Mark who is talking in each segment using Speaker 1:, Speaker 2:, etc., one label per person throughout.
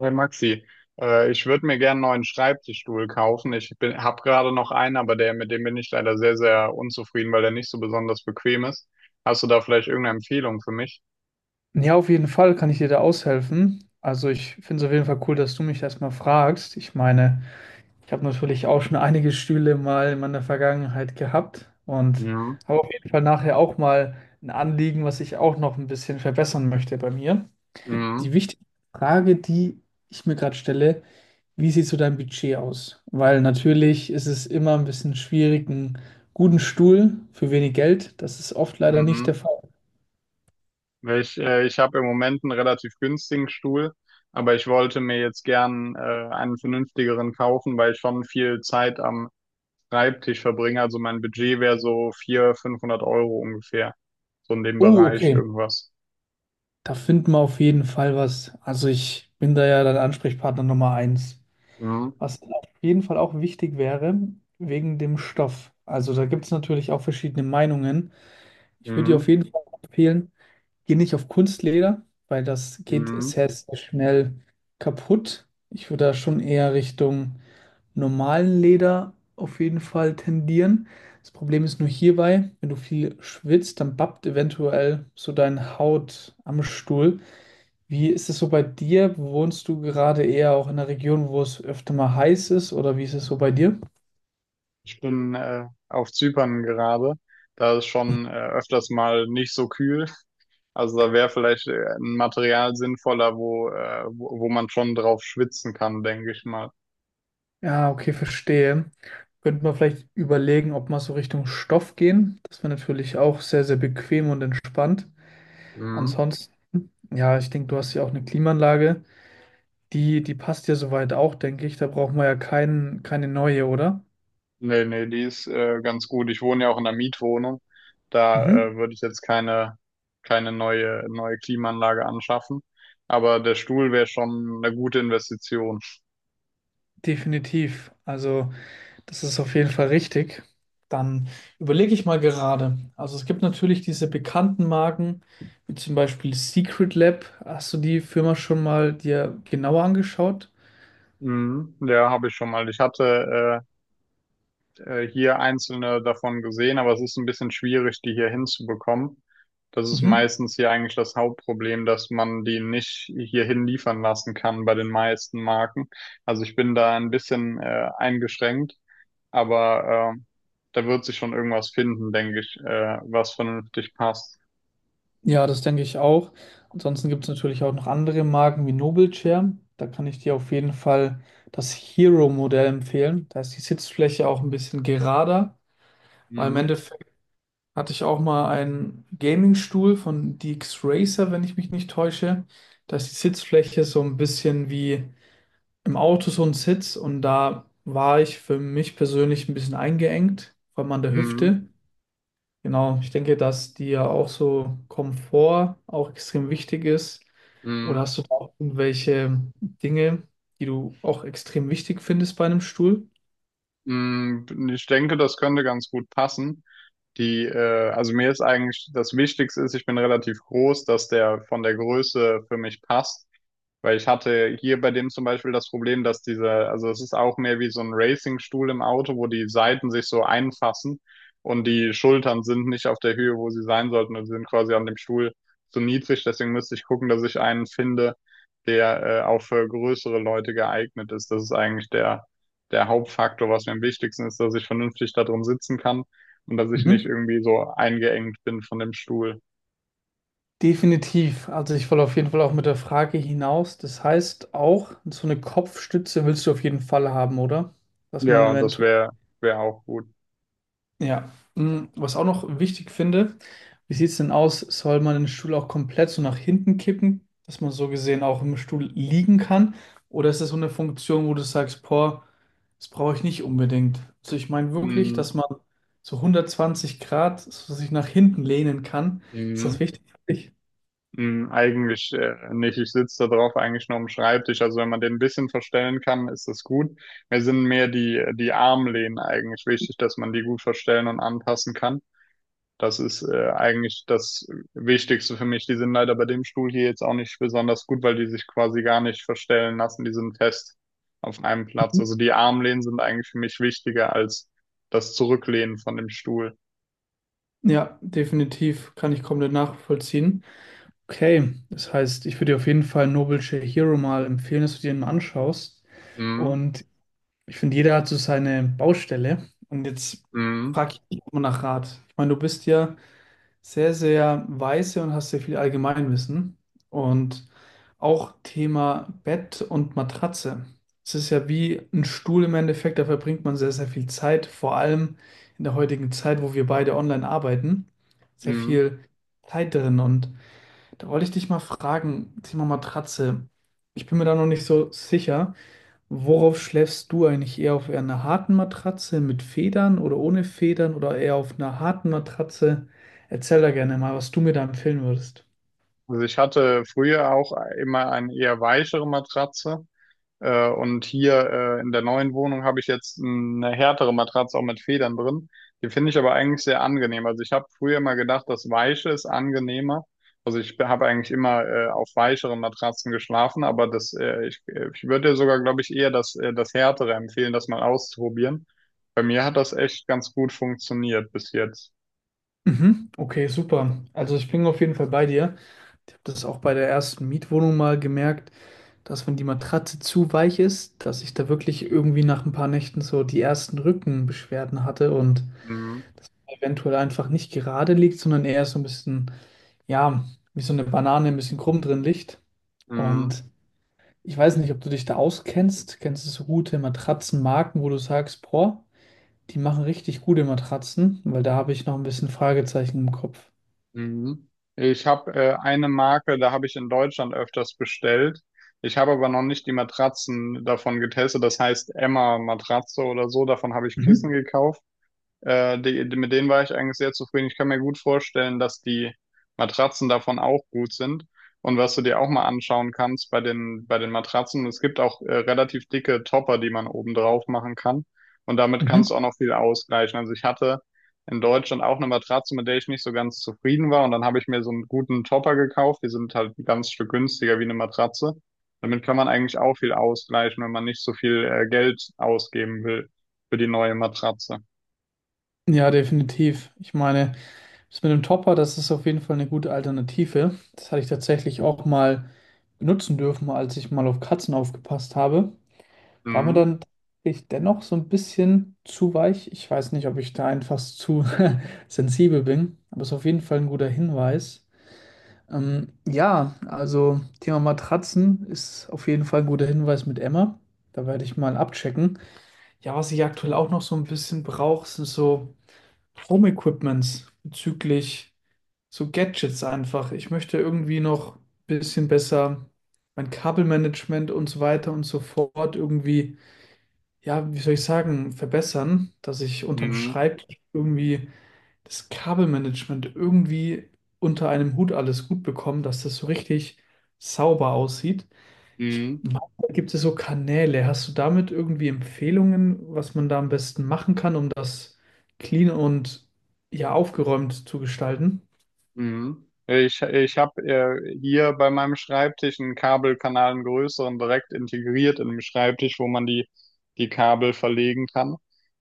Speaker 1: Hey Maxi, ich würde mir gern einen neuen Schreibtischstuhl kaufen. Habe gerade noch einen, aber der, mit dem bin ich leider sehr, sehr unzufrieden, weil der nicht so besonders bequem ist. Hast du da vielleicht irgendeine Empfehlung für mich?
Speaker 2: Ja, auf jeden Fall kann ich dir da aushelfen. Also ich finde es auf jeden Fall cool, dass du mich das mal fragst. Ich meine, ich habe natürlich auch schon einige Stühle mal in meiner Vergangenheit gehabt und
Speaker 1: Mhm.
Speaker 2: habe auf jeden Fall nachher auch mal ein Anliegen, was ich auch noch ein bisschen verbessern möchte bei mir.
Speaker 1: Mhm.
Speaker 2: Die wichtige Frage, die ich mir gerade stelle: Wie sieht so dein Budget aus? Weil natürlich ist es immer ein bisschen schwierig, einen guten Stuhl für wenig Geld. Das ist oft leider nicht der
Speaker 1: Mhm.
Speaker 2: Fall.
Speaker 1: Weil ich habe im Moment einen relativ günstigen Stuhl, aber ich wollte mir jetzt gern einen vernünftigeren kaufen, weil ich schon viel Zeit am Schreibtisch verbringe. Also mein Budget wäre so 400, 500 Euro ungefähr, so in dem
Speaker 2: Oh,
Speaker 1: Bereich
Speaker 2: okay.
Speaker 1: irgendwas.
Speaker 2: Da finden wir auf jeden Fall was. Also ich bin da ja dann Ansprechpartner Nummer eins.
Speaker 1: Mhm.
Speaker 2: Was auf jeden Fall auch wichtig wäre, wegen dem Stoff. Also da gibt es natürlich auch verschiedene Meinungen. Ich würde dir auf
Speaker 1: Mhm.
Speaker 2: jeden Fall empfehlen, geh nicht auf Kunstleder, weil das geht
Speaker 1: Mhm.
Speaker 2: sehr, sehr schnell kaputt. Ich würde da schon eher Richtung normalen Leder auf jeden Fall tendieren. Das Problem ist nur hierbei, wenn du viel schwitzt, dann bappt eventuell so deine Haut am Stuhl. Wie ist es so bei dir? Wohnst du gerade eher auch in einer Region, wo es öfter mal heiß ist, oder wie ist es so bei dir?
Speaker 1: Bin auf Zypern gerade. Da ist schon öfters mal nicht so kühl. Also da wäre vielleicht ein Material sinnvoller, wo man schon drauf schwitzen kann, denke ich mal.
Speaker 2: Ja, okay, verstehe. Könnte man vielleicht überlegen, ob man so Richtung Stoff gehen. Das wäre natürlich auch sehr, sehr bequem und entspannt.
Speaker 1: Mhm.
Speaker 2: Ansonsten, ja, ich denke, du hast ja auch eine Klimaanlage. Die, die passt ja soweit auch, denke ich. Da brauchen wir ja keine neue, oder?
Speaker 1: Nee, nee, die ist ganz gut. Ich wohne ja auch in einer Mietwohnung. Da
Speaker 2: Mhm.
Speaker 1: würde ich jetzt keine neue Klimaanlage anschaffen. Aber der Stuhl wäre schon eine gute Investition.
Speaker 2: Definitiv. Also. Das ist auf jeden Fall richtig. Dann überlege ich mal gerade. Also es gibt natürlich diese bekannten Marken, wie zum Beispiel Secret Lab. Hast du die Firma schon mal dir genauer angeschaut?
Speaker 1: Mhm. Ja, habe ich schon mal. Ich hatte hier einzelne davon gesehen, aber es ist ein bisschen schwierig, die hier hinzubekommen. Das ist
Speaker 2: Mhm.
Speaker 1: meistens hier eigentlich das Hauptproblem, dass man die nicht hierhin liefern lassen kann bei den meisten Marken. Also ich bin da ein bisschen eingeschränkt, aber da wird sich schon irgendwas finden, denke ich, was vernünftig passt.
Speaker 2: Ja, das denke ich auch. Ansonsten gibt es natürlich auch noch andere Marken wie Noble Chair. Da kann ich dir auf jeden Fall das Hero-Modell empfehlen. Da ist die Sitzfläche auch ein bisschen gerader, weil im
Speaker 1: Mhm.
Speaker 2: Endeffekt hatte ich auch mal einen Gaming-Stuhl von DX Racer, wenn ich mich nicht täusche. Da ist die Sitzfläche so ein bisschen wie im Auto so ein Sitz und da war ich für mich persönlich ein bisschen eingeengt, vor allem an der
Speaker 1: Mhm.
Speaker 2: Hüfte. Genau, ich denke, dass dir auch so Komfort auch extrem wichtig ist. Oder
Speaker 1: Mhm.
Speaker 2: hast du da auch irgendwelche Dinge, die du auch extrem wichtig findest bei einem Stuhl?
Speaker 1: Mhm. Ich denke, das könnte ganz gut passen. Also mir ist eigentlich das Wichtigste ist, ich bin relativ groß, dass der von der Größe für mich passt. Weil ich hatte hier bei dem zum Beispiel das Problem, dass diese, also es ist auch mehr wie so ein Racingstuhl im Auto, wo die Seiten sich so einfassen und die Schultern sind nicht auf der Höhe, wo sie sein sollten und sind quasi an dem Stuhl zu niedrig. Deswegen müsste ich gucken, dass ich einen finde, der auch für größere Leute geeignet ist. Das ist eigentlich der Hauptfaktor, was mir am wichtigsten ist, dass ich vernünftig da drin sitzen kann und dass ich nicht
Speaker 2: Mhm.
Speaker 1: irgendwie so eingeengt bin von dem Stuhl.
Speaker 2: Definitiv. Also ich will auf jeden Fall auch mit der Frage hinaus. Das heißt auch, so eine Kopfstütze willst du auf jeden Fall haben, oder? Dass man
Speaker 1: Ja,
Speaker 2: eventuell.
Speaker 1: wäre auch gut.
Speaker 2: Ja. Hm, was auch noch wichtig finde, wie sieht es denn aus? Soll man den Stuhl auch komplett so nach hinten kippen, dass man so gesehen auch im Stuhl liegen kann? Oder ist das so eine Funktion, wo du sagst, boah, das brauche ich nicht unbedingt? Also ich meine wirklich,
Speaker 1: Mhm.
Speaker 2: dass man so 120 Grad so sich nach hinten lehnen kann. Ist das
Speaker 1: Mhm.
Speaker 2: wichtig für dich?
Speaker 1: Hm, eigentlich nicht. Ich sitze da drauf eigentlich nur am Schreibtisch. Also wenn man den ein bisschen verstellen kann, ist das gut. Mir sind mehr die Armlehnen eigentlich wichtig, dass man die gut verstellen und anpassen kann. Das ist eigentlich das Wichtigste für mich. Die sind leider bei dem Stuhl hier jetzt auch nicht besonders gut, weil die sich quasi gar nicht verstellen lassen. Die sind fest auf einem Platz. Also die Armlehnen sind eigentlich für mich wichtiger als das Zurücklehnen von dem Stuhl.
Speaker 2: Ja, definitiv kann ich komplett nachvollziehen. Okay, das heißt, ich würde dir auf jeden Fall Noble Hero mal empfehlen, dass du dir den mal anschaust.
Speaker 1: Mhm.
Speaker 2: Und ich finde, jeder hat so seine Baustelle. Und jetzt
Speaker 1: Mhm.
Speaker 2: frage ich dich mal nach Rat. Ich meine, du bist ja sehr, sehr weise und hast sehr viel Allgemeinwissen. Und auch Thema Bett und Matratze. Es ist ja wie ein Stuhl im Endeffekt, da verbringt man sehr, sehr viel Zeit, vor allem in der heutigen Zeit, wo wir beide online arbeiten, sehr
Speaker 1: Mhm.
Speaker 2: viel Zeit drin. Und da wollte ich dich mal fragen, Thema Matratze. Ich bin mir da noch nicht so sicher. Worauf schläfst du eigentlich? Eher auf einer harten Matratze mit Federn oder ohne Federn oder eher auf einer harten Matratze? Erzähl da gerne mal, was du mir da empfehlen würdest.
Speaker 1: Also ich hatte früher auch immer eine eher weichere Matratze. Und hier in der neuen Wohnung habe ich jetzt eine härtere Matratze auch mit Federn drin. Die finde ich aber eigentlich sehr angenehm. Also ich habe früher immer gedacht, das Weiche ist angenehmer. Also ich habe eigentlich immer auf weicheren Matratzen geschlafen, aber ich würde dir sogar, glaube ich, eher das härtere empfehlen, das mal auszuprobieren. Bei mir hat das echt ganz gut funktioniert bis jetzt.
Speaker 2: Mhm. Okay, super. Also ich bin auf jeden Fall bei dir. Ich habe das auch bei der ersten Mietwohnung mal gemerkt, dass wenn die Matratze zu weich ist, dass ich da wirklich irgendwie nach ein paar Nächten so die ersten Rückenbeschwerden hatte und
Speaker 1: Mhm.
Speaker 2: das eventuell einfach nicht gerade liegt, sondern eher so ein bisschen, ja, wie so eine Banane ein bisschen krumm drin liegt.
Speaker 1: Mhm.
Speaker 2: Und ich weiß nicht, ob du dich da auskennst. Kennst du so gute Matratzenmarken, wo du sagst, boah, die machen richtig gute Matratzen, weil da habe ich noch ein bisschen Fragezeichen im Kopf.
Speaker 1: Mhm. Ich habe eine Marke, da habe ich in Deutschland öfters bestellt. Ich habe aber noch nicht die Matratzen davon getestet. Das heißt Emma Matratze oder so. Davon habe ich
Speaker 2: Mhm.
Speaker 1: Kissen gekauft. Die, mit denen war ich eigentlich sehr zufrieden. Ich kann mir gut vorstellen, dass die Matratzen davon auch gut sind. Und was du dir auch mal anschauen kannst bei den Matratzen, es gibt auch relativ dicke Topper, die man oben drauf machen kann. Und damit
Speaker 2: Mhm.
Speaker 1: kannst du auch noch viel ausgleichen. Also ich hatte in Deutschland auch eine Matratze, mit der ich nicht so ganz zufrieden war. Und dann habe ich mir so einen guten Topper gekauft. Die sind halt ein ganz Stück günstiger wie eine Matratze. Damit kann man eigentlich auch viel ausgleichen, wenn man nicht so viel Geld ausgeben will für die neue Matratze.
Speaker 2: Ja, definitiv. Ich meine, das mit dem Topper, das ist auf jeden Fall eine gute Alternative. Das hatte ich tatsächlich auch mal benutzen dürfen, als ich mal auf Katzen aufgepasst habe. War mir
Speaker 1: Mhm.
Speaker 2: dann tatsächlich dennoch so ein bisschen zu weich. Ich weiß nicht, ob ich da einfach zu sensibel bin, aber es ist auf jeden Fall ein guter Hinweis. Ja, also Thema Matratzen ist auf jeden Fall ein guter Hinweis mit Emma. Da werde ich mal abchecken. Ja, was ich aktuell auch noch so ein bisschen brauche, sind so Home-Equipments bezüglich so Gadgets einfach. Ich möchte irgendwie noch ein bisschen besser mein Kabelmanagement und so weiter und so fort irgendwie, ja, wie soll ich sagen, verbessern, dass ich unterm
Speaker 1: Mhm.
Speaker 2: Schreibtisch irgendwie das Kabelmanagement irgendwie unter einem Hut alles gut bekommen, dass das so richtig sauber aussieht. Ich
Speaker 1: Mhm.
Speaker 2: meine, da gibt es so Kanäle. Hast du damit irgendwie Empfehlungen, was man da am besten machen kann, um das clean und ja aufgeräumt zu gestalten?
Speaker 1: Mhm. Ich habe hier bei meinem Schreibtisch einen Kabelkanal, einen größeren, direkt integriert in dem Schreibtisch, wo man die Kabel verlegen kann.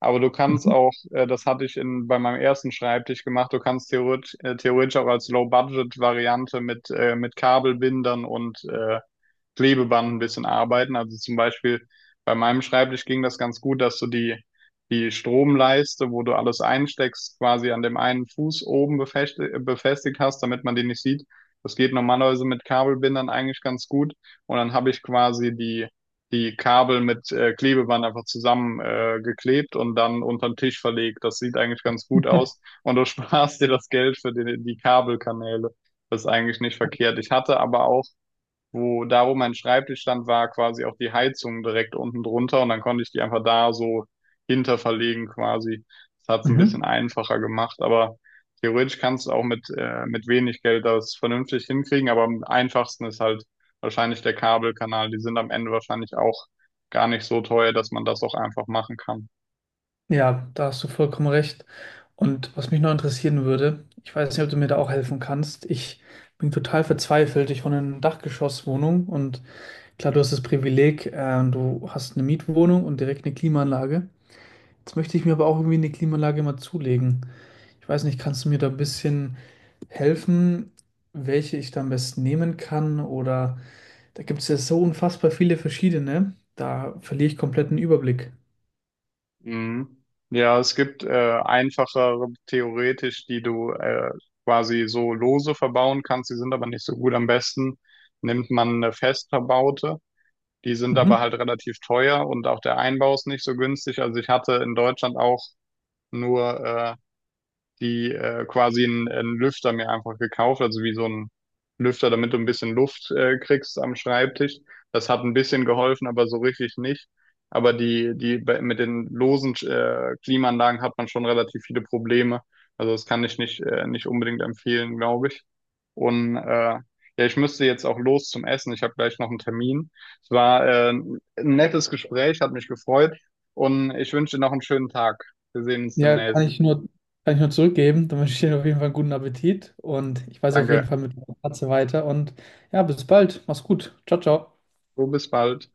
Speaker 1: Aber du kannst
Speaker 2: Mhm.
Speaker 1: auch, das hatte ich bei meinem ersten Schreibtisch gemacht, du kannst theoretisch auch als Low-Budget-Variante mit Kabelbindern und Klebeband ein bisschen arbeiten. Also zum Beispiel bei meinem Schreibtisch ging das ganz gut, dass du die Stromleiste, wo du alles einsteckst, quasi an dem einen Fuß oben befestigt hast, damit man den nicht sieht. Das geht normalerweise mit Kabelbindern eigentlich ganz gut. Und dann habe ich quasi die Kabel mit Klebeband einfach zusammen geklebt und dann unterm Tisch verlegt. Das sieht eigentlich ganz gut aus. Und du sparst dir das Geld für die Kabelkanäle. Das ist eigentlich nicht verkehrt. Ich hatte aber auch wo mein Schreibtisch stand, war quasi auch die Heizung direkt unten drunter und dann konnte ich die einfach da so hinter verlegen quasi. Das hat es ein bisschen
Speaker 2: Mhm.
Speaker 1: einfacher gemacht, aber theoretisch kannst du auch mit wenig Geld das vernünftig hinkriegen, aber am einfachsten ist halt wahrscheinlich der Kabelkanal. Die sind am Ende wahrscheinlich auch gar nicht so teuer, dass man das auch einfach machen kann.
Speaker 2: Ja, da hast du vollkommen recht. Und was mich noch interessieren würde, ich weiß nicht, ob du mir da auch helfen kannst. Ich bin total verzweifelt. Ich wohne in einer Dachgeschosswohnung und klar, du hast das Privileg, du hast eine Mietwohnung und direkt eine Klimaanlage. Jetzt möchte ich mir aber auch irgendwie eine Klimaanlage mal zulegen. Ich weiß nicht, kannst du mir da ein bisschen helfen, welche ich da am besten nehmen kann? Oder da gibt es ja so unfassbar viele verschiedene. Da verliere ich komplett den Überblick.
Speaker 1: Mhm. Ja, es gibt einfachere theoretisch, die du quasi so lose verbauen kannst. Die sind aber nicht so gut. Am besten nimmt man eine fest verbaute. Die sind aber
Speaker 2: Mhm.
Speaker 1: halt relativ teuer und auch der Einbau ist nicht so günstig. Also ich hatte in Deutschland auch nur die quasi einen Lüfter mir einfach gekauft, also wie so ein Lüfter, damit du ein bisschen Luft kriegst am Schreibtisch. Das hat ein bisschen geholfen, aber so richtig nicht. Aber mit den losen Klimaanlagen hat man schon relativ viele Probleme. Also das kann ich nicht unbedingt empfehlen, glaube ich. Und ja, ich müsste jetzt auch los zum Essen. Ich habe gleich noch einen Termin. Es war ein nettes Gespräch, hat mich gefreut und ich wünsche dir noch einen schönen Tag. Wir sehen uns
Speaker 2: Ja,
Speaker 1: demnächst.
Speaker 2: kann ich nur zurückgeben. Dann wünsche ich dir auf jeden Fall einen guten Appetit und ich weiß auf jeden
Speaker 1: Danke.
Speaker 2: Fall mit der Katze weiter. Und ja, bis bald. Mach's gut. Ciao, ciao.
Speaker 1: So, bis bald.